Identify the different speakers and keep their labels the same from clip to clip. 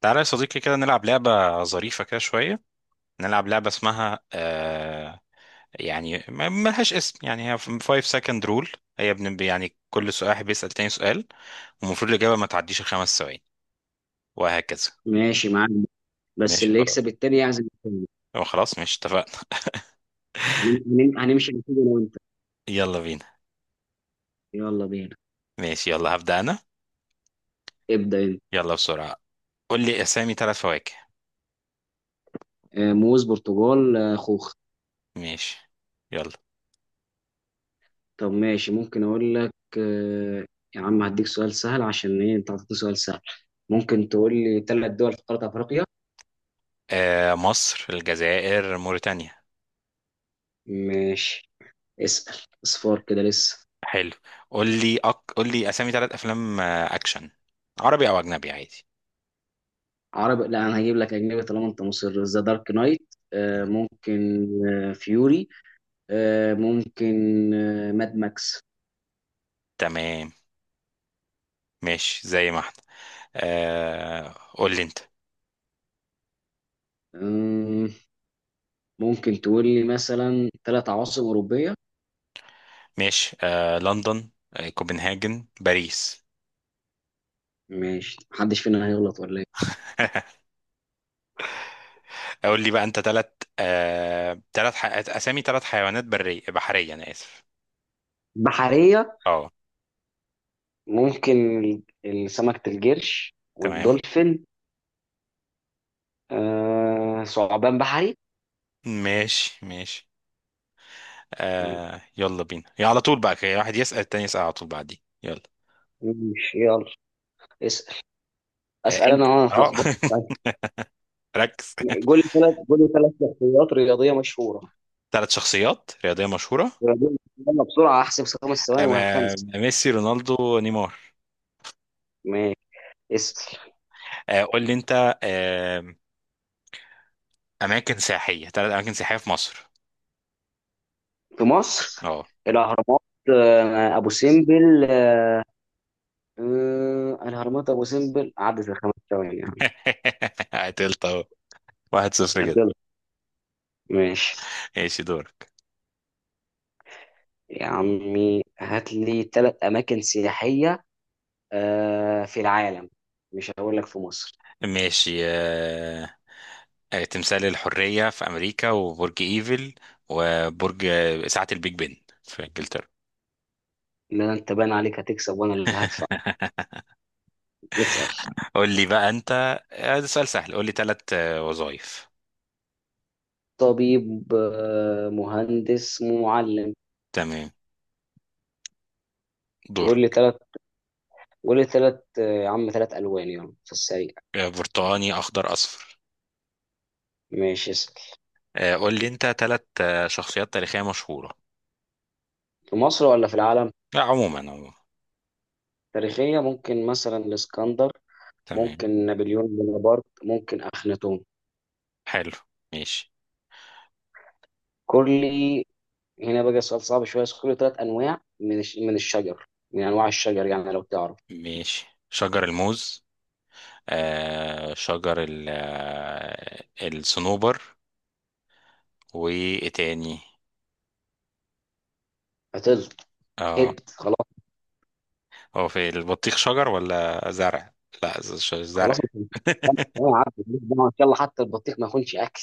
Speaker 1: تعالى يا صديقي كده نلعب لعبة ظريفة كده شوية. نلعب لعبة اسمها ملهاش اسم يعني هي 5 second rule. يعني كل سؤال، واحد بيسأل تاني سؤال، والمفروض الإجابة ما تعديش الخمس ثواني وهكذا.
Speaker 2: ماشي معاك. بس
Speaker 1: ماشي
Speaker 2: اللي يكسب
Speaker 1: خلاص.
Speaker 2: التاني يعزم التاني.
Speaker 1: أه، خلاص ماشي اتفقنا.
Speaker 2: هنمشي على كده انا وانت.
Speaker 1: يلا بينا.
Speaker 2: يلا بينا.
Speaker 1: ماشي يلا هبدأ أنا.
Speaker 2: ابدأ انت.
Speaker 1: يلا بسرعة، قول لي أسامي ثلاث فواكه.
Speaker 2: موز برتقال خوخ.
Speaker 1: ماشي يلا.
Speaker 2: طب ماشي، ممكن اقول لك يا عم هديك سؤال سهل. عشان ايه انت عطيتني سؤال سهل؟ ممكن تقول لي ثلاث دول في قارة افريقيا.
Speaker 1: آه، مصر، الجزائر، موريتانيا.
Speaker 2: ماشي، اسأل. اصفار كده لسه.
Speaker 1: حلو. قول لي أسامي ثلاث أفلام أكشن، عربي أو أجنبي عادي.
Speaker 2: عربي؟ لا انا هجيب لك اجنبي طالما انت مصر. ذا دارك نايت
Speaker 1: تمام.
Speaker 2: ممكن. فيوري ممكن. ماد ماكس.
Speaker 1: تمام ماشي زي ما احنا. آه قول لي انت.
Speaker 2: ممكن تقول لي مثلا ثلاث عواصم أوروبية؟
Speaker 1: ماشي، آه لندن، آه كوبنهاجن، باريس.
Speaker 2: ماشي، محدش فينا هيغلط ولا ايه؟
Speaker 1: قول لي بقى انت ثلاث، اسامي ثلاث حيوانات برية، بحرية انا اسف.
Speaker 2: بحرية.
Speaker 1: اه.
Speaker 2: ممكن سمكة القرش
Speaker 1: تمام.
Speaker 2: والدولفين ثعبان بحري.
Speaker 1: ماشي ماشي. آه يلا بينا يا على طول بقى كده، واحد يسأل التاني، يسأل على طول بعدين. يلا.
Speaker 2: ماشي يلا، اسأل.
Speaker 1: آه
Speaker 2: أسأل
Speaker 1: انت.
Speaker 2: أنا وأنا
Speaker 1: اه.
Speaker 2: اتلخبطت.
Speaker 1: ركز.
Speaker 2: قول لي ثلاث، قول لي ثلاث شخصيات رياضية مشهورة.
Speaker 1: ثلاث شخصيات رياضية مشهورة.
Speaker 2: رياضية مشهورة. يلا بسرعة، أحسب 5 ثواني
Speaker 1: أما
Speaker 2: وهتنسى.
Speaker 1: ميسي، رونالدو، نيمار.
Speaker 2: ماشي، اسأل.
Speaker 1: آه قول لي انت. اماكن سياحيه، ثلاث اماكن سياحيه في مصر.
Speaker 2: في مصر؟
Speaker 1: اه.
Speaker 2: الأهرامات، أبو سمبل، الهرمات ابو سمبل. عدت ال5 ثواني يعني.
Speaker 1: قتلت اهو، واحد صفر كده.
Speaker 2: يلا، ماشي.
Speaker 1: ماشي دور.
Speaker 2: يا عمي هات لي ثلاث اماكن سياحيه في العالم، مش هقول لك في مصر.
Speaker 1: ماشي تمثال الحريه في امريكا، وبرج ايفل، وبرج ساعه البيج بن في انجلترا.
Speaker 2: لا انت بان عليك هتكسب وانا اللي هدفع. اسال.
Speaker 1: قول لي بقى انت. ده سؤال سهل، قول لي ثلاث وظائف.
Speaker 2: طبيب مهندس معلم.
Speaker 1: تمام.
Speaker 2: قول
Speaker 1: دورك.
Speaker 2: لي ثلاث، قول لي ثلاث يا عم، ثلاث الوان يلا في السريع.
Speaker 1: برتقاني، اخضر، اصفر.
Speaker 2: ماشي، اسال.
Speaker 1: قول لي انت ثلاث شخصيات تاريخيه مشهوره.
Speaker 2: في مصر ولا في العالم؟
Speaker 1: لا عموما عموما.
Speaker 2: تاريخيه، ممكن مثلا الاسكندر،
Speaker 1: تمام.
Speaker 2: ممكن نابليون بونابرت، ممكن اخناتون.
Speaker 1: حلو. ماشي.
Speaker 2: كل. هنا بقى السؤال صعب شويه. اذكر لي ثلاث انواع من من الشجر، من انواع الشجر يعني لو تعرف.
Speaker 1: ماشي شجر الموز، آه شجر ال آه، الصنوبر، وايه تاني.
Speaker 2: هتل
Speaker 1: اه.
Speaker 2: خلاص.
Speaker 1: هو في البطيخ شجر ولا زرع؟ لا ز- ش- زرع.
Speaker 2: خلاص انت. أنا عارف ماليش دعوة. ان شاء الله حتى البطيخ ما يكونش اكل.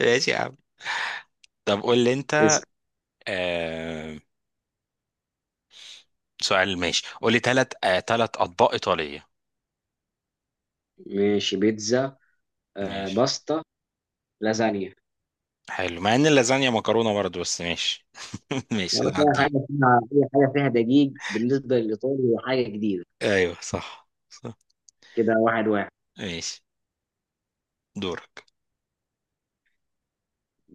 Speaker 1: ماشي يا عم. طب قول لي انت.
Speaker 2: اسأل.
Speaker 1: آه سؤال، ماشي قول لي ثلاث، اطباق ايطالية.
Speaker 2: ماشي، بيتزا
Speaker 1: ماشي.
Speaker 2: باستا لازانيا.
Speaker 1: حلو، مع ان اللازانيا مكرونة برضه بس ماشي.
Speaker 2: يا
Speaker 1: ماشي
Speaker 2: باشا، اي
Speaker 1: نعديه.
Speaker 2: حاجه فيها، اي حاجه فيها دقيق بالنسبه للايطالي هي حاجه جديده.
Speaker 1: ايوه صح.
Speaker 2: كده واحد واحد.
Speaker 1: ماشي دورك.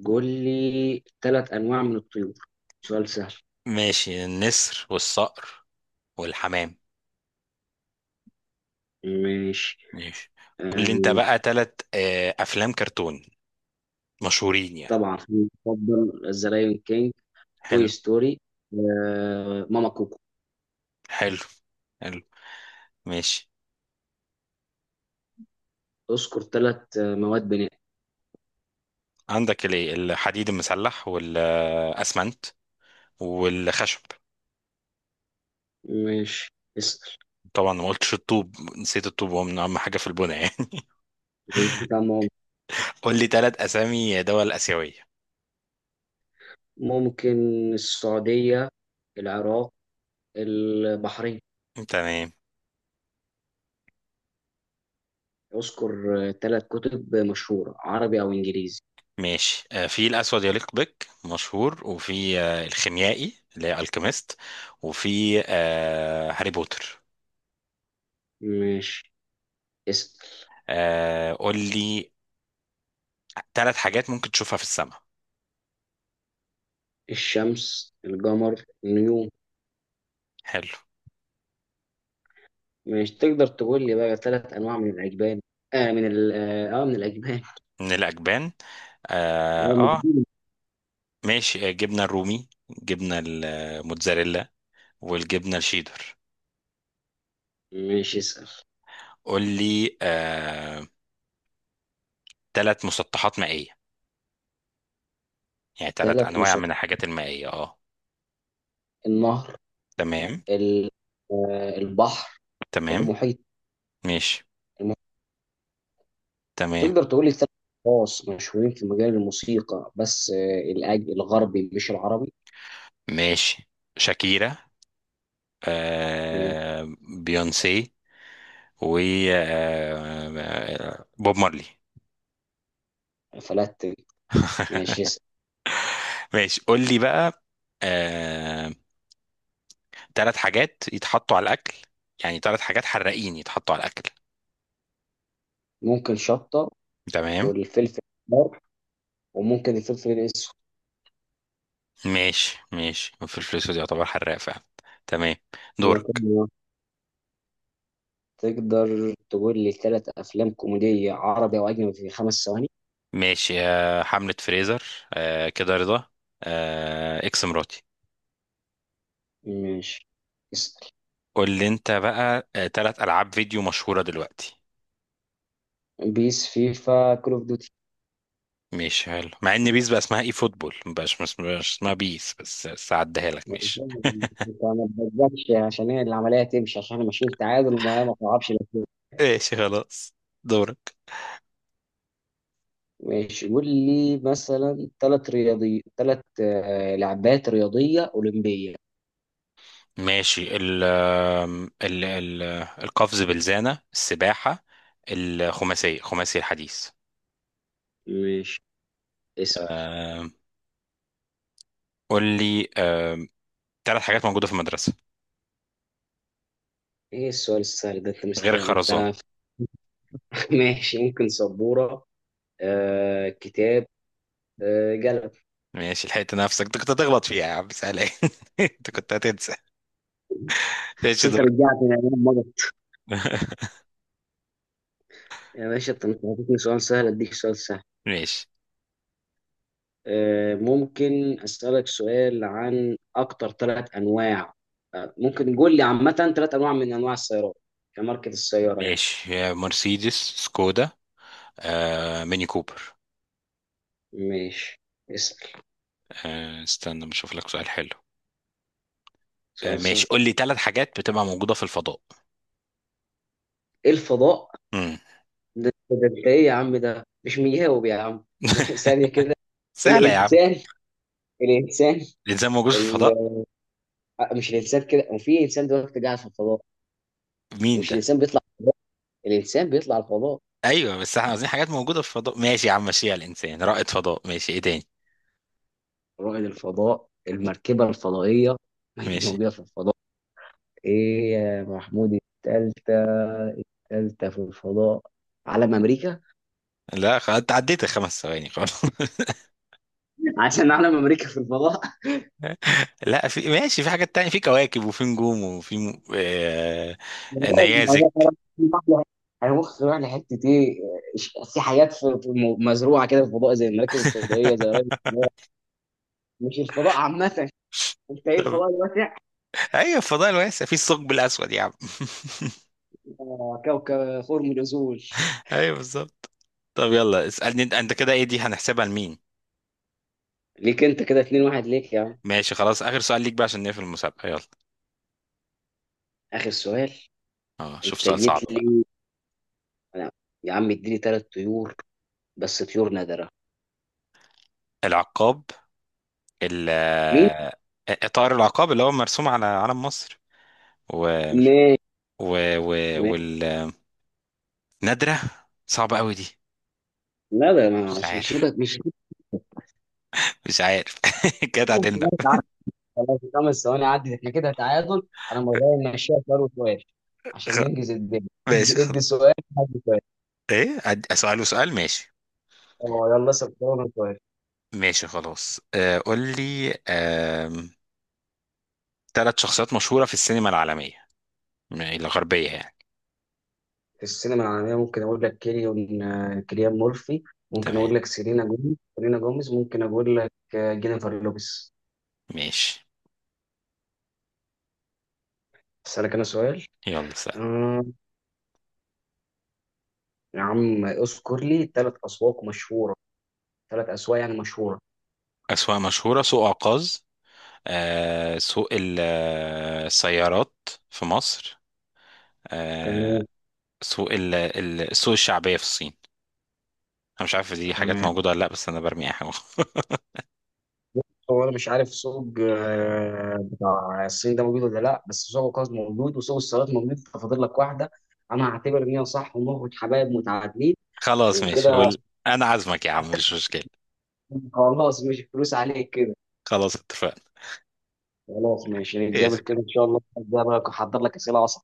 Speaker 2: قول لي ثلاث انواع من الطيور، سؤال سهل.
Speaker 1: ماشي النسر والصقر والحمام.
Speaker 2: ماشي.
Speaker 1: ماشي قول
Speaker 2: آه.
Speaker 1: لي انت بقى تلات افلام كرتون مشهورين يعني.
Speaker 2: طبعا، في مفضل الزرايون كينج، توي
Speaker 1: حلو.
Speaker 2: ستوري، ماما كوكو.
Speaker 1: حلو. حلو. ماشي.
Speaker 2: اذكر ثلاث مواد بناء.
Speaker 1: عندك الايه الحديد المسلح والاسمنت والخشب.
Speaker 2: مش. اسأل.
Speaker 1: طبعا ما قلتش الطوب، نسيت الطوب، هو من اهم حاجه في البناء يعني.
Speaker 2: نسيت عن ماما.
Speaker 1: قول لي تلات اسامي دول اسيويه.
Speaker 2: ممكن السعودية، العراق، البحرين.
Speaker 1: تمام.
Speaker 2: اذكر ثلاث كتب مشهورة عربي أو إنجليزي.
Speaker 1: ماشي، في الاسود يليق بك مشهور، وفي الخيميائي اللي هي الكيميست، وفي هاري بوتر.
Speaker 2: مش. اسأل.
Speaker 1: قول لي ثلاث حاجات ممكن تشوفها في السماء.
Speaker 2: الشمس، القمر، النجوم.
Speaker 1: حلو.
Speaker 2: مش. تقدر تقول لي بقى ثلاث أنواع من الأجبان؟ من الأجبان.
Speaker 1: من الأجبان. آه,
Speaker 2: من
Speaker 1: آه
Speaker 2: الدين.
Speaker 1: ماشي جبنة الرومي، جبنة الموتزاريلا، والجبنة الشيدر.
Speaker 2: مش. اسأل.
Speaker 1: قول لي ثلاث مسطحات مائية، يعني ثلاث
Speaker 2: ثلاث
Speaker 1: أنواع
Speaker 2: مصادر.
Speaker 1: من الحاجات المائية
Speaker 2: النهر،
Speaker 1: تمام.
Speaker 2: ال- البحر،
Speaker 1: تمام.
Speaker 2: المحيط.
Speaker 1: ماشي.
Speaker 2: المحيط.
Speaker 1: تمام.
Speaker 2: تقدر تقول لي ثلاث اشخاص مشهورين في مجال الموسيقى، بس آه، الأج الغربي مش العربي.
Speaker 1: ماشي. شاكيرا.
Speaker 2: ماشي.
Speaker 1: آه. بيونسي. و بوب مارلي.
Speaker 2: فلات. ماشي، اسأل.
Speaker 1: ماشي. قول لي بقى آه، ثلاث حاجات يتحطوا على الاكل، يعني ثلاث حاجات حراقين يتحطوا على الاكل.
Speaker 2: ممكن شطة،
Speaker 1: تمام.
Speaker 2: والفلفل الأحمر، وممكن الفلفل الأسود.
Speaker 1: ماشي في الفلوس دي يعتبر حراق فعلا. تمام. دورك.
Speaker 2: وممكن. تقدر تقول لي ثلاث أفلام كوميدية عربي أو أجنبي في 5 ثواني؟
Speaker 1: ماشي، حملة فريزر، كده رضا، اكس مراتي.
Speaker 2: ماشي، اسأل.
Speaker 1: قول لي انت بقى ثلاث العاب فيديو مشهورة دلوقتي.
Speaker 2: بيس، فيفا، كول أوف دوتي.
Speaker 1: ماشي، حلو، مع ان بيس بقى اسمها اي فوتبول مبقاش، مش اسمها بيس، بس هعديها لك ماشي.
Speaker 2: أنا ما تبدأش عشان هي العملية تمشي، عشان احنا ماشيين تعادل وما ما تعرفش.
Speaker 1: ماشي خلاص. دورك.
Speaker 2: ماشي، قول لي مثلا ثلاث رياضي، ثلاث لعبات رياضية أولمبية.
Speaker 1: ماشي، ال القفز بالزانة، السباحة، الخماسية، خماسي الحديث.
Speaker 2: ماشي، اسأل.
Speaker 1: أم، قول لي ثلاث حاجات موجودة في المدرسة
Speaker 2: ايه السؤال السهل ده؟ انت
Speaker 1: غير
Speaker 2: انت.
Speaker 1: الخرزانة.
Speaker 2: ماشي، ممكن سبورة كتاب قلم.
Speaker 1: ماشي، لحقت نفسك، انت كنت هتغلط فيها يا عم، سهلة. ايه انت كنت هتنسى.
Speaker 2: بس
Speaker 1: ماشي
Speaker 2: انت
Speaker 1: دور.
Speaker 2: رجعتني لأيام مضت. يا باشا انت مش هتديني سؤال سهل، اديك سؤال سهل.
Speaker 1: ماشي.
Speaker 2: ممكن اسألك سؤال عن اكتر ثلاث انواع، ممكن قول لي عامة ثلاث انواع من انواع السيارات، كماركة السيارة يعني.
Speaker 1: ماشي يا مرسيدس، سكودا، ميني كوبر.
Speaker 2: ماشي، اسأل.
Speaker 1: استنى بشوف لك سؤال حلو.
Speaker 2: سؤال سهل.
Speaker 1: ماشي قول لي ثلاث حاجات بتبقى موجودة في الفضاء.
Speaker 2: ايه الفضاء؟
Speaker 1: مم.
Speaker 2: ده انت ايه يا عم؟ ده مش مجاوب يا عم. ثانيه كده.
Speaker 1: سهلة يا عم.
Speaker 2: الانسان. الانسان.
Speaker 1: الإنسان موجود في
Speaker 2: ال...
Speaker 1: الفضاء؟
Speaker 2: آه، مش الانسان كده، وفي انسان دلوقتي قاعد في الفضاء. يعني
Speaker 1: مين
Speaker 2: مش
Speaker 1: ده؟
Speaker 2: الانسان بيطلع الفضاء؟ الانسان بيطلع الفضاء.
Speaker 1: ايوه بس احنا عايزين حاجات موجوده في الفضاء، ماشي يا عم، ماشي على الانسان رائد فضاء، ماشي، ايه تاني؟
Speaker 2: رائد الفضاء، المركبه الفضائيه، ما هي
Speaker 1: ماشي.
Speaker 2: موجوده في الفضاء. ايه يا محمود التالتة؟ التالتة في الفضاء. علم امريكا.
Speaker 1: لا خلاص، انت عديت الخمس ثواني خلاص.
Speaker 2: عشان علم امريكا في الفضاء.
Speaker 1: لا في ماشي، في حاجات تانية، في كواكب، وفي نجوم، وفي
Speaker 2: الموضوع
Speaker 1: نيازك.
Speaker 2: ده هيمخ يروح لحته ايه؟ في حاجات، في مزروعه كده في الفضاء، زي المراكب الفضائيه، زي راكب الفضاء. مش الفضاء عامه؟ انت ايه،
Speaker 1: طب،
Speaker 2: الفضاء الواسع؟
Speaker 1: ايوه الفضاء الواسع في الثقب الاسود يا عم.
Speaker 2: كوكب خرم الازول.
Speaker 1: ايوه بالظبط. طب يلا اسالني انت، انت كده، ايه دي، هنحسبها لمين؟
Speaker 2: ليك انت كده 2-1، ليك يا عم.
Speaker 1: ماشي خلاص، اخر سؤال ليك بقى عشان نقفل المسابقه، يلا.
Speaker 2: اخر سؤال.
Speaker 1: اه، شوف
Speaker 2: انت
Speaker 1: سؤال صعب
Speaker 2: جيت
Speaker 1: بقى.
Speaker 2: لي. أنا- يا عم اديني ثلاث طيور، بس طيور نادره.
Speaker 1: العقاب، ال
Speaker 2: مين؟
Speaker 1: آه، طائر العقاب اللي هو مرسوم على علم مصر، و،
Speaker 2: ماشي،
Speaker 1: و... و...
Speaker 2: ماشي.
Speaker 1: والنادرة صعبة قوي دي.
Speaker 2: لا ده
Speaker 1: مش
Speaker 2: مش
Speaker 1: عارف.
Speaker 2: شبه مش.
Speaker 1: مش عارف. كده اتعادلنا.
Speaker 2: خلاص، 5 ثواني عدت، احنا كده تعادل. انا مغير ماشيها سؤال وسؤال، عشان
Speaker 1: خ-
Speaker 2: ننجز الدنيا.
Speaker 1: ماشي
Speaker 2: ادي
Speaker 1: خلاص.
Speaker 2: ادي سؤال، ادي سؤال.
Speaker 1: ايه اسأله سؤال، ماشي.
Speaker 2: اه يلا، اسال سؤال وأنا سؤال.
Speaker 1: ماشي خلاص، آه قول لي ثلاث شخصيات مشهورة في السينما العالمية، الغربية يعني.
Speaker 2: في السينما العالميه، ممكن اقول لك كيليان، مورفي، ممكن
Speaker 1: تمام.
Speaker 2: اقول لك سيلينا جوميز، ممكن اقول لك جينيفر لوبيز.
Speaker 1: ماشي.
Speaker 2: اسالك انا سؤال.
Speaker 1: يلا سأل.
Speaker 2: آه يا عم اذكر لي ثلاث اسواق مشهوره، ثلاث اسواق يعني مشهوره.
Speaker 1: أسواق مشهورة، سوق عكاظ، آه سوق السيارات في مصر، آه.
Speaker 2: تمام.
Speaker 1: سوق السوق الشعبية في الصين. أنا مش عارف دي حاجات
Speaker 2: تمام.
Speaker 1: موجودة ولا لأ، بس أنا برمي أي حاجة.
Speaker 2: هو انا مش عارف سوق بتاع الصين ده موجود ولا لا، بس سوق القفص موجود وسوق السيارات موجود، ففاضل لك واحده. انا هعتبر ان هي صح ونخرج حبايب متعادلين.
Speaker 1: خلاص ماشي
Speaker 2: وكده.
Speaker 1: هو. انا عازمك يا عم، مش مشكلة.
Speaker 2: خلاص مش فلوس عليك كده.
Speaker 1: خلاص اتفقنا.
Speaker 2: خلاص ماشي، نتقابل
Speaker 1: ماشي،
Speaker 2: كده ان شاء الله، هبقى احضر لك اسئله اصعب.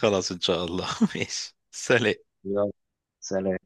Speaker 1: خلاص ان شاء الله. ماشي، سلام.
Speaker 2: يلا. سلام.